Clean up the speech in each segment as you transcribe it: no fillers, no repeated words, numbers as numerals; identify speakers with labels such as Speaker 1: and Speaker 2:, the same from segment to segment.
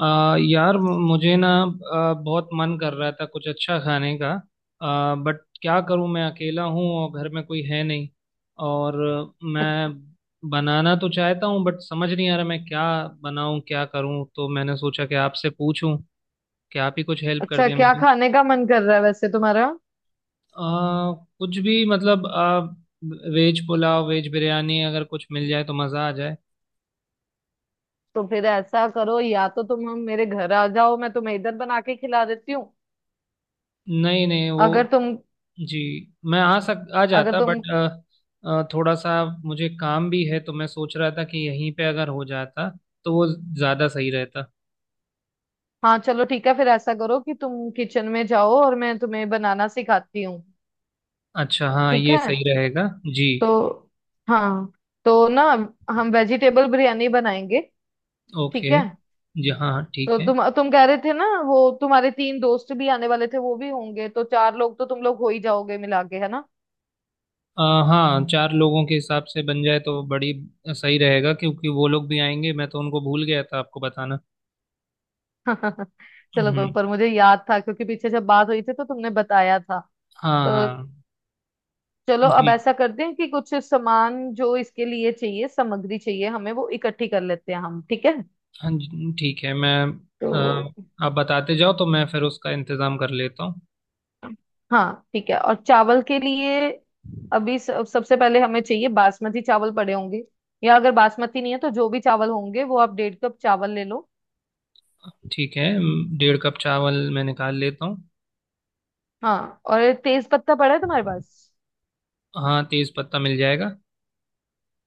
Speaker 1: यार मुझे ना बहुत मन कर रहा था कुछ अच्छा खाने का। बट क्या करूं, मैं अकेला हूं और घर में कोई है नहीं। और मैं बनाना तो चाहता हूं, बट समझ नहीं आ रहा मैं क्या बनाऊं, क्या करूं। तो मैंने सोचा कि आपसे पूछूं कि आप ही कुछ हेल्प कर
Speaker 2: अच्छा,
Speaker 1: दें
Speaker 2: क्या
Speaker 1: मेरी।
Speaker 2: खाने का मन कर रहा है वैसे तुम्हारा?
Speaker 1: आ, कुछ भी मतलब वेज पुलाव, वेज बिरयानी, अगर कुछ मिल जाए तो मज़ा आ जाए।
Speaker 2: तो फिर ऐसा करो, या तो तुम हम मेरे घर आ जाओ, मैं तुम्हें इधर बना के खिला देती हूँ।
Speaker 1: नहीं नहीं, वो
Speaker 2: अगर तुम
Speaker 1: जी, मैं आ
Speaker 2: अगर
Speaker 1: जाता
Speaker 2: तुम
Speaker 1: बट थोड़ा सा मुझे काम भी है, तो मैं सोच रहा था कि यहीं पे अगर हो जाता तो वो ज़्यादा सही रहता।
Speaker 2: हाँ, चलो ठीक है। फिर ऐसा करो कि तुम किचन में जाओ और मैं तुम्हें बनाना सिखाती हूँ।
Speaker 1: अच्छा हाँ,
Speaker 2: ठीक
Speaker 1: ये
Speaker 2: है।
Speaker 1: सही रहेगा। जी।
Speaker 2: तो हाँ, तो ना हम वेजिटेबल बिरयानी बनाएंगे। ठीक
Speaker 1: ओके।
Speaker 2: है।
Speaker 1: जी हाँ हाँ,
Speaker 2: तो
Speaker 1: ठीक है।
Speaker 2: तुम कह रहे थे ना, वो तुम्हारे 3 दोस्त भी आने वाले थे, वो भी होंगे, तो 4 लोग तो तुम लोग हो ही जाओगे मिला के, है ना।
Speaker 1: अ, हाँ, चार लोगों के हिसाब से बन जाए तो बड़ी सही रहेगा, क्योंकि वो लोग भी आएंगे। मैं तो उनको भूल गया था आपको बताना।
Speaker 2: चलो कोई,
Speaker 1: हम्म।
Speaker 2: पर मुझे याद था क्योंकि पीछे जब बात हुई थी तो तुमने बताया था।
Speaker 1: हाँ
Speaker 2: तो
Speaker 1: हाँ।
Speaker 2: चलो, अब
Speaker 1: जी।
Speaker 2: ऐसा करते हैं कि कुछ सामान जो इसके लिए चाहिए, सामग्री चाहिए हमें, वो इकट्ठी कर लेते हैं हम, ठीक है।
Speaker 1: हाँ जी ठीक है।
Speaker 2: तो
Speaker 1: अ, आप बताते जाओ तो मैं फिर उसका इंतज़ाम कर लेता हूँ।
Speaker 2: हाँ, ठीक है। और चावल के लिए अभी सबसे पहले हमें चाहिए बासमती चावल पड़े होंगे। या अगर बासमती नहीं है तो जो भी चावल होंगे, वो आप डेढ़ कप चावल ले लो।
Speaker 1: ठीक है। 1.5 कप चावल मैं निकाल लेता हूँ।
Speaker 2: हाँ, और तेज पत्ता पड़ा है तुम्हारे पास?
Speaker 1: हाँ, तेज पत्ता मिल जाएगा।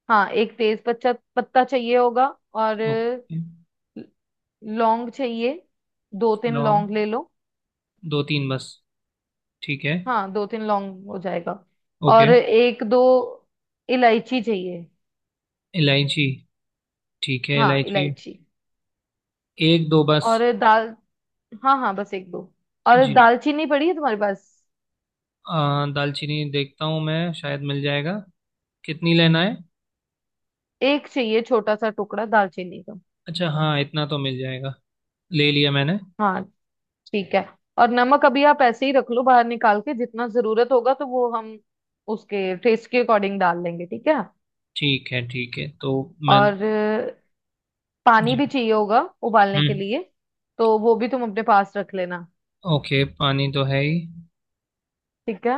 Speaker 2: हाँ, एक तेज पत्ता पत्ता चाहिए होगा। और
Speaker 1: ओके।
Speaker 2: लौंग चाहिए। दो तीन
Speaker 1: लौंग
Speaker 2: लौंग ले लो।
Speaker 1: दो तीन बस, ठीक है।
Speaker 2: हाँ, 2-3 लौंग हो जाएगा।
Speaker 1: ओके।
Speaker 2: और 1-2 इलायची चाहिए।
Speaker 1: इलायची, ठीक है
Speaker 2: हाँ,
Speaker 1: इलायची
Speaker 2: इलायची।
Speaker 1: एक दो बस।
Speaker 2: और दाल। हाँ हाँ, बस एक दो। और
Speaker 1: जी।
Speaker 2: दालचीनी पड़ी है तुम्हारे पास?
Speaker 1: दालचीनी देखता हूँ, मैं शायद मिल जाएगा। कितनी लेना है?
Speaker 2: एक चाहिए, छोटा सा टुकड़ा दालचीनी का।
Speaker 1: अच्छा हाँ, इतना तो मिल जाएगा। ले लिया मैंने।
Speaker 2: हाँ, ठीक है। और नमक अभी आप ऐसे ही रख लो बाहर निकाल के, जितना जरूरत होगा तो वो हम उसके टेस्ट के अकॉर्डिंग डाल लेंगे, ठीक है।
Speaker 1: ठीक है ठीक है, तो मैं
Speaker 2: और पानी
Speaker 1: जी।
Speaker 2: भी चाहिए होगा उबालने के
Speaker 1: हम्म।
Speaker 2: लिए। तो वो भी तुम अपने पास रख लेना।
Speaker 1: ओके, पानी तो है ही।
Speaker 2: ठीक है।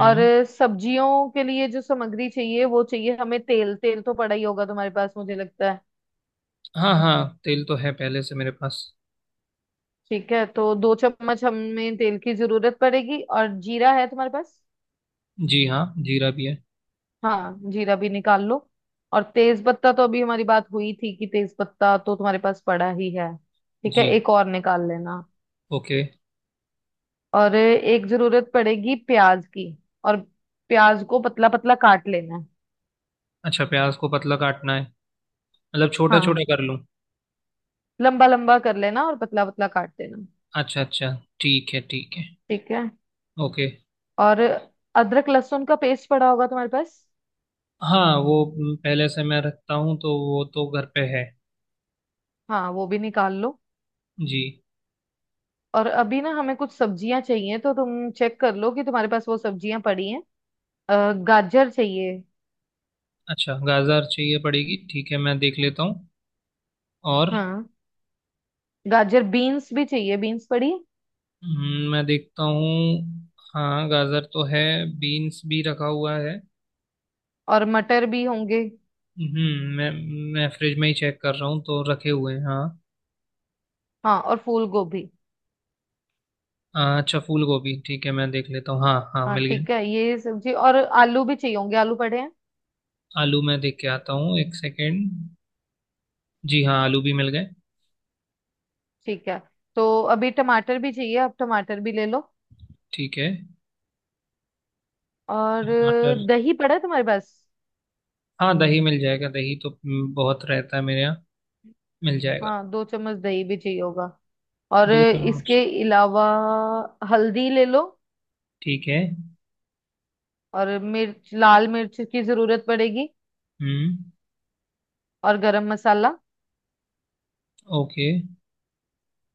Speaker 2: और सब्जियों के लिए जो सामग्री चाहिए वो चाहिए हमें, तेल। तेल तो पड़ा ही होगा तुम्हारे पास, मुझे लगता है।
Speaker 1: हाँ हाँ, तेल तो है पहले से मेरे पास।
Speaker 2: ठीक है, तो 2 चम्मच हमें तेल की जरूरत पड़ेगी। और जीरा है तुम्हारे पास?
Speaker 1: जी हाँ, जीरा भी है।
Speaker 2: हाँ, जीरा भी निकाल लो। और तेज पत्ता तो अभी हमारी बात हुई थी कि तेज पत्ता तो तुम्हारे पास पड़ा ही है। ठीक है,
Speaker 1: जी।
Speaker 2: एक और निकाल लेना।
Speaker 1: ओके।
Speaker 2: और एक जरूरत पड़ेगी प्याज की। और प्याज को पतला पतला काट लेना है।
Speaker 1: अच्छा, प्याज को पतला काटना है मतलब छोटा छोटा
Speaker 2: हाँ,
Speaker 1: कर लूँ?
Speaker 2: लंबा लंबा कर लेना और पतला पतला काट देना।
Speaker 1: अच्छा अच्छा, ठीक है ठीक है।
Speaker 2: ठीक है।
Speaker 1: ओके।
Speaker 2: और अदरक लहसुन का पेस्ट पड़ा होगा तुम्हारे पास?
Speaker 1: हाँ, वो पहले से मैं रखता हूँ तो वो तो घर पे है।
Speaker 2: हाँ, वो भी निकाल लो।
Speaker 1: जी।
Speaker 2: और अभी ना, हमें कुछ सब्जियां चाहिए तो तुम चेक कर लो कि तुम्हारे पास वो सब्जियां पड़ी हैं। गाजर चाहिए।
Speaker 1: अच्छा, गाजर चाहिए पड़ेगी, ठीक है मैं देख लेता हूँ। और
Speaker 2: हाँ, गाजर, बीन्स भी चाहिए, बीन्स पड़ी है?
Speaker 1: मैं देखता हूँ, हाँ गाजर तो है। बीन्स भी रखा हुआ है।
Speaker 2: और मटर भी होंगे।
Speaker 1: हम्म। मैं फ्रिज में ही चेक कर रहा हूँ, तो रखे हुए हैं हाँ।
Speaker 2: हाँ, और फूल गोभी।
Speaker 1: अच्छा फूल गोभी, ठीक है मैं देख लेता हूँ, हाँ हाँ
Speaker 2: हाँ,
Speaker 1: मिल गया।
Speaker 2: ठीक है, ये सब्जी, और आलू भी चाहिए होंगे, आलू पड़े हैं?
Speaker 1: आलू मैं देख के आता हूँ, एक सेकेंड। जी हाँ, आलू भी मिल गए।
Speaker 2: ठीक है। तो अभी टमाटर भी चाहिए, आप टमाटर भी ले लो।
Speaker 1: ठीक है।
Speaker 2: और
Speaker 1: टमाटर,
Speaker 2: दही पड़ा है तुम्हारे पास?
Speaker 1: हाँ दही मिल जाएगा। दही तो बहुत रहता है मेरे यहाँ, मिल जाएगा।
Speaker 2: हाँ, 2 चम्मच दही भी चाहिए होगा। और
Speaker 1: दो
Speaker 2: इसके
Speaker 1: चम्मच,
Speaker 2: अलावा, हल्दी ले लो।
Speaker 1: ठीक है।
Speaker 2: और मिर्च, लाल मिर्च की जरूरत पड़ेगी।
Speaker 1: हम्म।
Speaker 2: और गरम मसाला।
Speaker 1: ओके।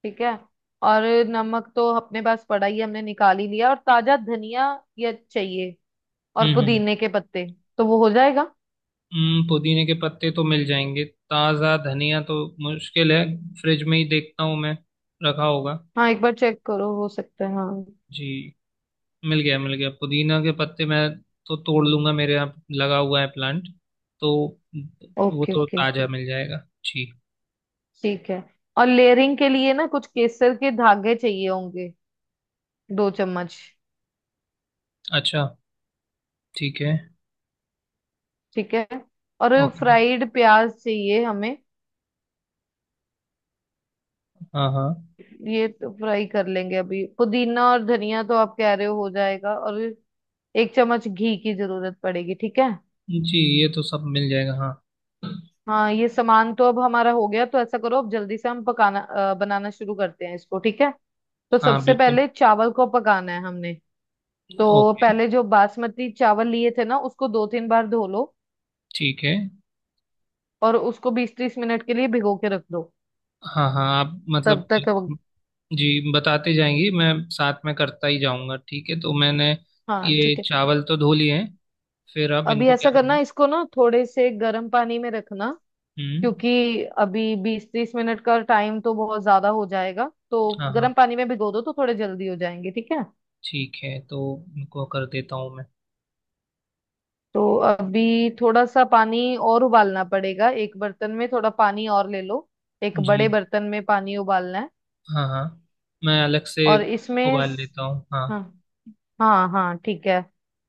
Speaker 2: ठीक है। और नमक तो अपने पास पड़ा ही है, हमने निकाल ही लिया। और ताजा धनिया ये चाहिए। और
Speaker 1: हम्म। हम्म।
Speaker 2: पुदीने के पत्ते, तो वो हो जाएगा।
Speaker 1: पुदीने के पत्ते तो मिल जाएंगे। ताज़ा धनिया तो मुश्किल है, फ्रिज में ही देखता हूँ मैं, रखा होगा।
Speaker 2: हाँ, एक बार चेक करो, हो सकता है, हाँ।
Speaker 1: जी। मिल गया मिल गया, पुदीना के पत्ते मैं तो तोड़ लूंगा, मेरे यहाँ लगा हुआ है प्लांट, तो वो
Speaker 2: ओके,
Speaker 1: तो
Speaker 2: ओके,
Speaker 1: ताज़ा मिल जाएगा। जी।
Speaker 2: ठीक है। और लेयरिंग के लिए ना, कुछ केसर के धागे चाहिए होंगे, 2 चम्मच।
Speaker 1: अच्छा। ठीक है।
Speaker 2: ठीक है। और
Speaker 1: ओके।
Speaker 2: फ्राइड प्याज चाहिए हमें।
Speaker 1: हाँ हाँ।
Speaker 2: ये तो फ्राई कर लेंगे अभी, पुदीना और धनिया तो आप कह रहे हो जाएगा। और 1 चम्मच घी की जरूरत पड़ेगी, ठीक है।
Speaker 1: जी, ये तो सब मिल जाएगा हाँ।
Speaker 2: हाँ, ये सामान तो अब हमारा हो गया, तो ऐसा करो अब जल्दी से हम बनाना शुरू करते हैं इसको, ठीक है। तो
Speaker 1: हाँ
Speaker 2: सबसे
Speaker 1: बिल्कुल।
Speaker 2: पहले चावल को पकाना है हमने। तो
Speaker 1: ओके।
Speaker 2: पहले जो बासमती चावल लिए थे ना, उसको 2-3 बार धो लो।
Speaker 1: ठीक है।
Speaker 2: और उसको 20-30 मिनट के लिए भिगो के रख दो।
Speaker 1: हाँ हाँ, आप
Speaker 2: तब
Speaker 1: मतलब
Speaker 2: तक अब,
Speaker 1: जी बताते जाएंगी मैं साथ में करता ही जाऊंगा, ठीक है। तो मैंने
Speaker 2: हाँ,
Speaker 1: ये
Speaker 2: ठीक है।
Speaker 1: चावल तो धो लिए हैं, फिर अब
Speaker 2: अभी
Speaker 1: इनको
Speaker 2: ऐसा
Speaker 1: क्या करना
Speaker 2: करना,
Speaker 1: है?
Speaker 2: इसको ना थोड़े से गर्म पानी में रखना।
Speaker 1: हम्म।
Speaker 2: क्योंकि अभी 20-30 मिनट का टाइम तो बहुत ज्यादा हो जाएगा। तो
Speaker 1: हाँ
Speaker 2: गर्म
Speaker 1: हाँ,
Speaker 2: पानी में भिगो दो, तो थोड़े जल्दी हो जाएंगे, ठीक है।
Speaker 1: ठीक है, तो इनको कर देता हूँ मैं।
Speaker 2: तो अभी थोड़ा सा पानी और उबालना पड़ेगा, एक बर्तन में थोड़ा पानी और ले लो। एक
Speaker 1: जी।
Speaker 2: बड़े बर्तन में पानी उबालना है।
Speaker 1: हाँ हाँ, मैं अलग से
Speaker 2: और इसमें
Speaker 1: उबाल लेता हूँ हाँ।
Speaker 2: हाँ हाँ हाँ, ठीक है।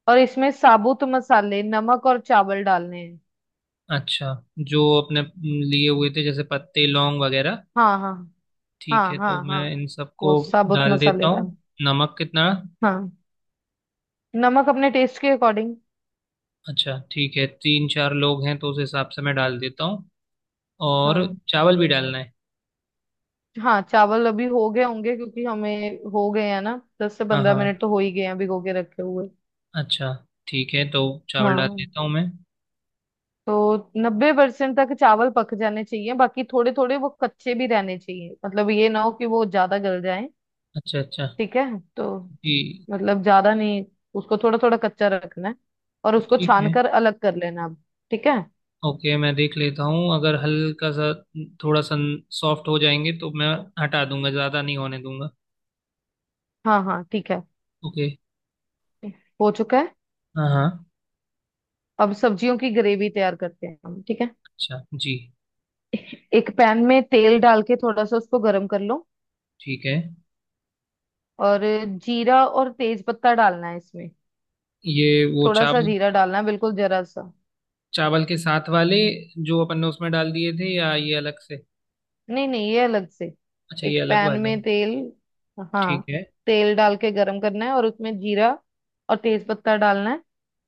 Speaker 2: और इसमें साबुत मसाले, नमक और चावल डालने हैं।
Speaker 1: अच्छा जो अपने लिए हुए थे, जैसे पत्ते लौंग वगैरह।
Speaker 2: हाँ हाँ
Speaker 1: ठीक
Speaker 2: हाँ,
Speaker 1: है तो
Speaker 2: हाँ हाँ,
Speaker 1: मैं इन सबको
Speaker 2: वो साबुत
Speaker 1: डाल देता
Speaker 2: मसाले डाल।
Speaker 1: हूँ। नमक कितना?
Speaker 2: हाँ, नमक अपने टेस्ट के अकॉर्डिंग।
Speaker 1: अच्छा ठीक है, तीन चार लोग हैं तो उस हिसाब से मैं डाल देता हूँ। और
Speaker 2: हाँ
Speaker 1: चावल भी डालना है?
Speaker 2: हाँ, चावल अभी हो गए होंगे क्योंकि हमें हो गए हैं ना, दस से
Speaker 1: हाँ
Speaker 2: पंद्रह मिनट
Speaker 1: हाँ।
Speaker 2: तो हो ही गए हैं भिगो के रखे हुए।
Speaker 1: अच्छा ठीक है, तो चावल डाल
Speaker 2: हाँ,
Speaker 1: देता हूँ मैं।
Speaker 2: तो 90% तक चावल पक जाने चाहिए, बाकी थोड़े थोड़े वो कच्चे भी रहने चाहिए, मतलब ये ना हो कि वो ज्यादा गल जाए,
Speaker 1: अच्छा अच्छा।
Speaker 2: ठीक है। तो
Speaker 1: जी।
Speaker 2: मतलब ज्यादा नहीं, उसको थोड़ा थोड़ा कच्चा रखना है। और उसको
Speaker 1: ठीक
Speaker 2: छान
Speaker 1: है।
Speaker 2: कर अलग कर लेना अब, ठीक है।
Speaker 1: ओके, मैं देख लेता हूँ, अगर हल्का सा थोड़ा सा सॉफ्ट हो जाएंगे तो मैं हटा दूंगा, ज़्यादा नहीं होने दूंगा।
Speaker 2: हाँ हाँ, ठीक है।
Speaker 1: ओके।
Speaker 2: हो चुका है।
Speaker 1: हाँ हाँ।
Speaker 2: अब सब्जियों की ग्रेवी तैयार करते हैं हम, ठीक है।
Speaker 1: अच्छा जी।
Speaker 2: एक पैन में तेल डाल के थोड़ा सा उसको गर्म कर लो।
Speaker 1: ठीक है।
Speaker 2: और जीरा और तेज पत्ता डालना है इसमें।
Speaker 1: ये वो
Speaker 2: थोड़ा सा
Speaker 1: चावल,
Speaker 2: जीरा डालना है, बिल्कुल जरा सा।
Speaker 1: चावल के साथ वाले जो अपन ने उसमें डाल दिए थे या ये अलग से?
Speaker 2: नहीं नहीं, ये अलग से।
Speaker 1: अच्छा
Speaker 2: एक
Speaker 1: ये अलग
Speaker 2: पैन
Speaker 1: वाले
Speaker 2: में
Speaker 1: हैं।
Speaker 2: तेल, हाँ,
Speaker 1: ठीक है।
Speaker 2: तेल डाल के गरम करना है और उसमें जीरा और तेज पत्ता डालना है।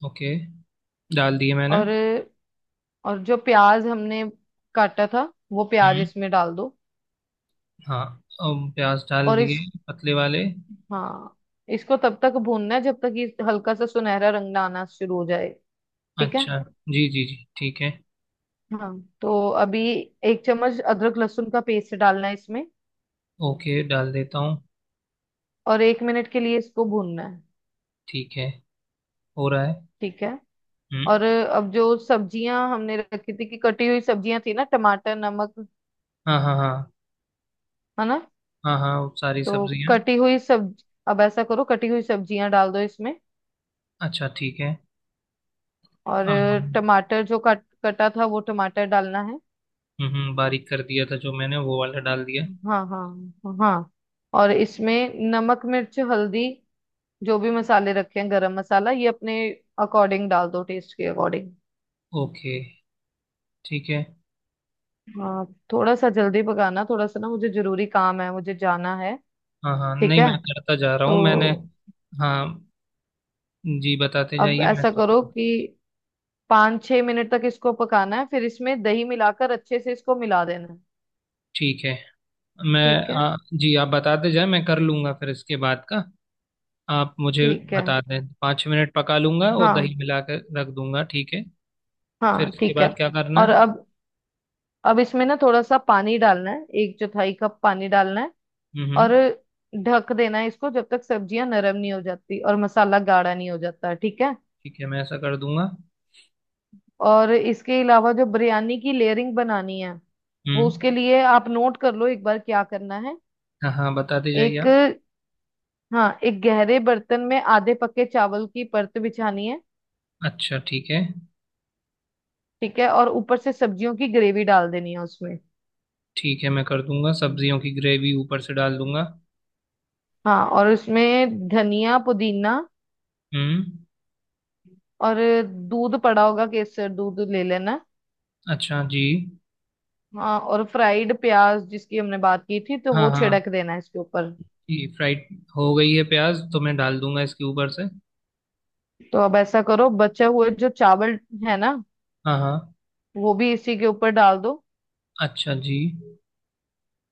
Speaker 1: ओके, डाल दिए मैंने।
Speaker 2: और और जो प्याज हमने काटा था वो प्याज
Speaker 1: हम्म।
Speaker 2: इसमें डाल दो।
Speaker 1: हाँ, अब प्याज डाल
Speaker 2: और
Speaker 1: दिए,
Speaker 2: इस
Speaker 1: पतले वाले।
Speaker 2: हाँ, इसको तब तक भूनना है जब तक ये हल्का सा सुनहरा रंग ना आना शुरू हो जाए, ठीक है।
Speaker 1: अच्छा जी जी जी ठीक है।
Speaker 2: हाँ, तो अभी 1 चम्मच अदरक लहसुन का पेस्ट डालना है इसमें।
Speaker 1: ओके, डाल देता हूँ।
Speaker 2: और 1 मिनट के लिए इसको भूनना है,
Speaker 1: ठीक है, हो रहा है।
Speaker 2: ठीक है।
Speaker 1: हम्म।
Speaker 2: और अब जो सब्जियां हमने रखी थी कि कटी हुई सब्जियां थी ना, टमाटर, नमक,
Speaker 1: हाँ हाँ हाँ।
Speaker 2: है ना।
Speaker 1: हाँ हाँ, वो सारी
Speaker 2: तो
Speaker 1: सब्जियाँ।
Speaker 2: कटी हुई सब अब ऐसा करो कटी हुई सब्जियां डाल दो इसमें।
Speaker 1: अच्छा ठीक है।
Speaker 2: और
Speaker 1: हाँ, हाँ,
Speaker 2: टमाटर जो कट कटा था वो टमाटर डालना है।
Speaker 1: बारीक कर दिया था जो मैंने, वो वाला डाल दिया।
Speaker 2: हाँ हाँ हाँ, और इसमें नमक, मिर्च, हल्दी, जो भी मसाले रखे हैं, गरम मसाला, ये अपने अकॉर्डिंग डाल दो, टेस्ट के अकॉर्डिंग।
Speaker 1: ओके ठीक है।
Speaker 2: हाँ, थोड़ा सा जल्दी पकाना, थोड़ा सा ना, मुझे जरूरी काम है, मुझे जाना है।
Speaker 1: हाँ हाँ,
Speaker 2: ठीक
Speaker 1: नहीं
Speaker 2: है।
Speaker 1: मैं करता जा रहा हूँ मैंने।
Speaker 2: तो
Speaker 1: हाँ, जी बताते
Speaker 2: अब
Speaker 1: जाइए मैं
Speaker 2: ऐसा
Speaker 1: करता
Speaker 2: करो
Speaker 1: हूँ।
Speaker 2: कि 5-6 मिनट तक इसको पकाना है, फिर इसमें दही मिलाकर अच्छे से इसको मिला देना है,
Speaker 1: ठीक है मैं
Speaker 2: ठीक है।
Speaker 1: जी आप बताते जाए, मैं कर लूँगा, फिर इसके बाद का आप मुझे
Speaker 2: ठीक है,
Speaker 1: बता दें। 5 मिनट पका लूँगा और दही
Speaker 2: हाँ
Speaker 1: मिला के रख दूँगा, ठीक है।
Speaker 2: हाँ,
Speaker 1: फिर इसके
Speaker 2: ठीक है।
Speaker 1: बाद क्या करना
Speaker 2: और
Speaker 1: है?
Speaker 2: अब इसमें ना थोड़ा सा पानी डालना है, 1/4 कप पानी डालना है।
Speaker 1: हम्म।
Speaker 2: और ढक देना है इसको जब तक सब्जियां नरम नहीं हो जाती और मसाला गाढ़ा नहीं हो जाता, ठीक है।
Speaker 1: ठीक है मैं ऐसा कर दूँगा।
Speaker 2: और इसके अलावा जो बिरयानी की लेयरिंग बनानी है, वो उसके
Speaker 1: हम्म।
Speaker 2: लिए आप नोट कर लो एक बार क्या करना है।
Speaker 1: हाँ हाँ, बताते जाइए
Speaker 2: एक,
Speaker 1: आप।
Speaker 2: हाँ, एक गहरे बर्तन में आधे पके चावल की परत बिछानी है।
Speaker 1: अच्छा ठीक है
Speaker 2: ठीक है, और ऊपर से सब्जियों की ग्रेवी डाल देनी है उसमें।
Speaker 1: ठीक है, मैं कर दूँगा, सब्जियों की ग्रेवी ऊपर से डाल दूँगा।
Speaker 2: हाँ, और उसमें धनिया, पुदीना,
Speaker 1: हम्म।
Speaker 2: और दूध पड़ा होगा, केसर दूध ले लेना।
Speaker 1: अच्छा जी।
Speaker 2: हाँ, और फ्राइड प्याज जिसकी हमने बात की थी, तो
Speaker 1: हाँ
Speaker 2: वो
Speaker 1: हाँ।
Speaker 2: छिड़क देना है इसके ऊपर।
Speaker 1: जी फ्राइड हो गई है प्याज तो, मैं डाल दूँगा इसके ऊपर से।
Speaker 2: तो अब ऐसा करो, बचे हुए जो चावल है ना,
Speaker 1: हाँ हाँ।
Speaker 2: वो भी इसी के ऊपर डाल दो।
Speaker 1: अच्छा जी।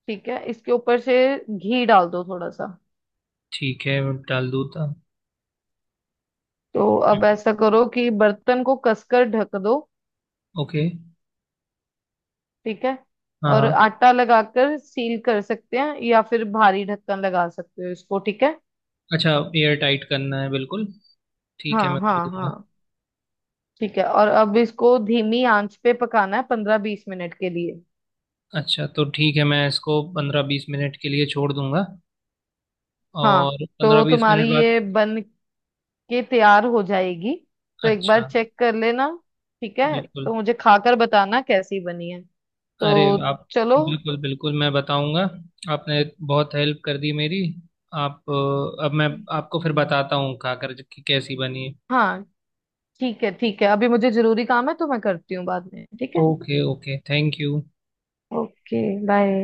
Speaker 2: ठीक है, इसके ऊपर से घी डाल दो थोड़ा सा।
Speaker 1: ठीक है मैं डाल दूँ था।
Speaker 2: तो अब ऐसा करो कि बर्तन को कसकर ढक दो,
Speaker 1: ओके।
Speaker 2: ठीक है।
Speaker 1: हाँ
Speaker 2: और
Speaker 1: हाँ।
Speaker 2: आटा लगाकर सील कर सकते हैं या फिर भारी ढक्कन लगा सकते हो इसको, ठीक है।
Speaker 1: अच्छा, एयर टाइट करना है बिल्कुल, ठीक है
Speaker 2: हाँ
Speaker 1: मैं कर
Speaker 2: हाँ हाँ,
Speaker 1: दूंगा।
Speaker 2: ठीक है। और अब इसको धीमी आंच पे पकाना है, 15-20 मिनट के लिए।
Speaker 1: अच्छा तो ठीक है, मैं इसको 15-20 मिनट के लिए छोड़ दूंगा।
Speaker 2: हाँ,
Speaker 1: और पंद्रह
Speaker 2: तो
Speaker 1: बीस
Speaker 2: तुम्हारी
Speaker 1: मिनट बाद?
Speaker 2: ये बन के तैयार हो जाएगी। तो एक बार
Speaker 1: अच्छा।
Speaker 2: चेक कर लेना। ठीक है,
Speaker 1: बिल्कुल।
Speaker 2: तो मुझे खाकर बताना कैसी बनी है।
Speaker 1: अरे
Speaker 2: तो
Speaker 1: आप,
Speaker 2: चलो।
Speaker 1: बिल्कुल बिल्कुल मैं बताऊंगा। आपने बहुत हेल्प कर दी मेरी। आप अब मैं आपको फिर बताता हूँ खाकर कि कैसी बनी।
Speaker 2: हाँ, ठीक है ठीक है, अभी मुझे जरूरी काम है तो मैं करती हूँ बाद में, ठीक है।
Speaker 1: Okay okay thank you.
Speaker 2: Okay, bye.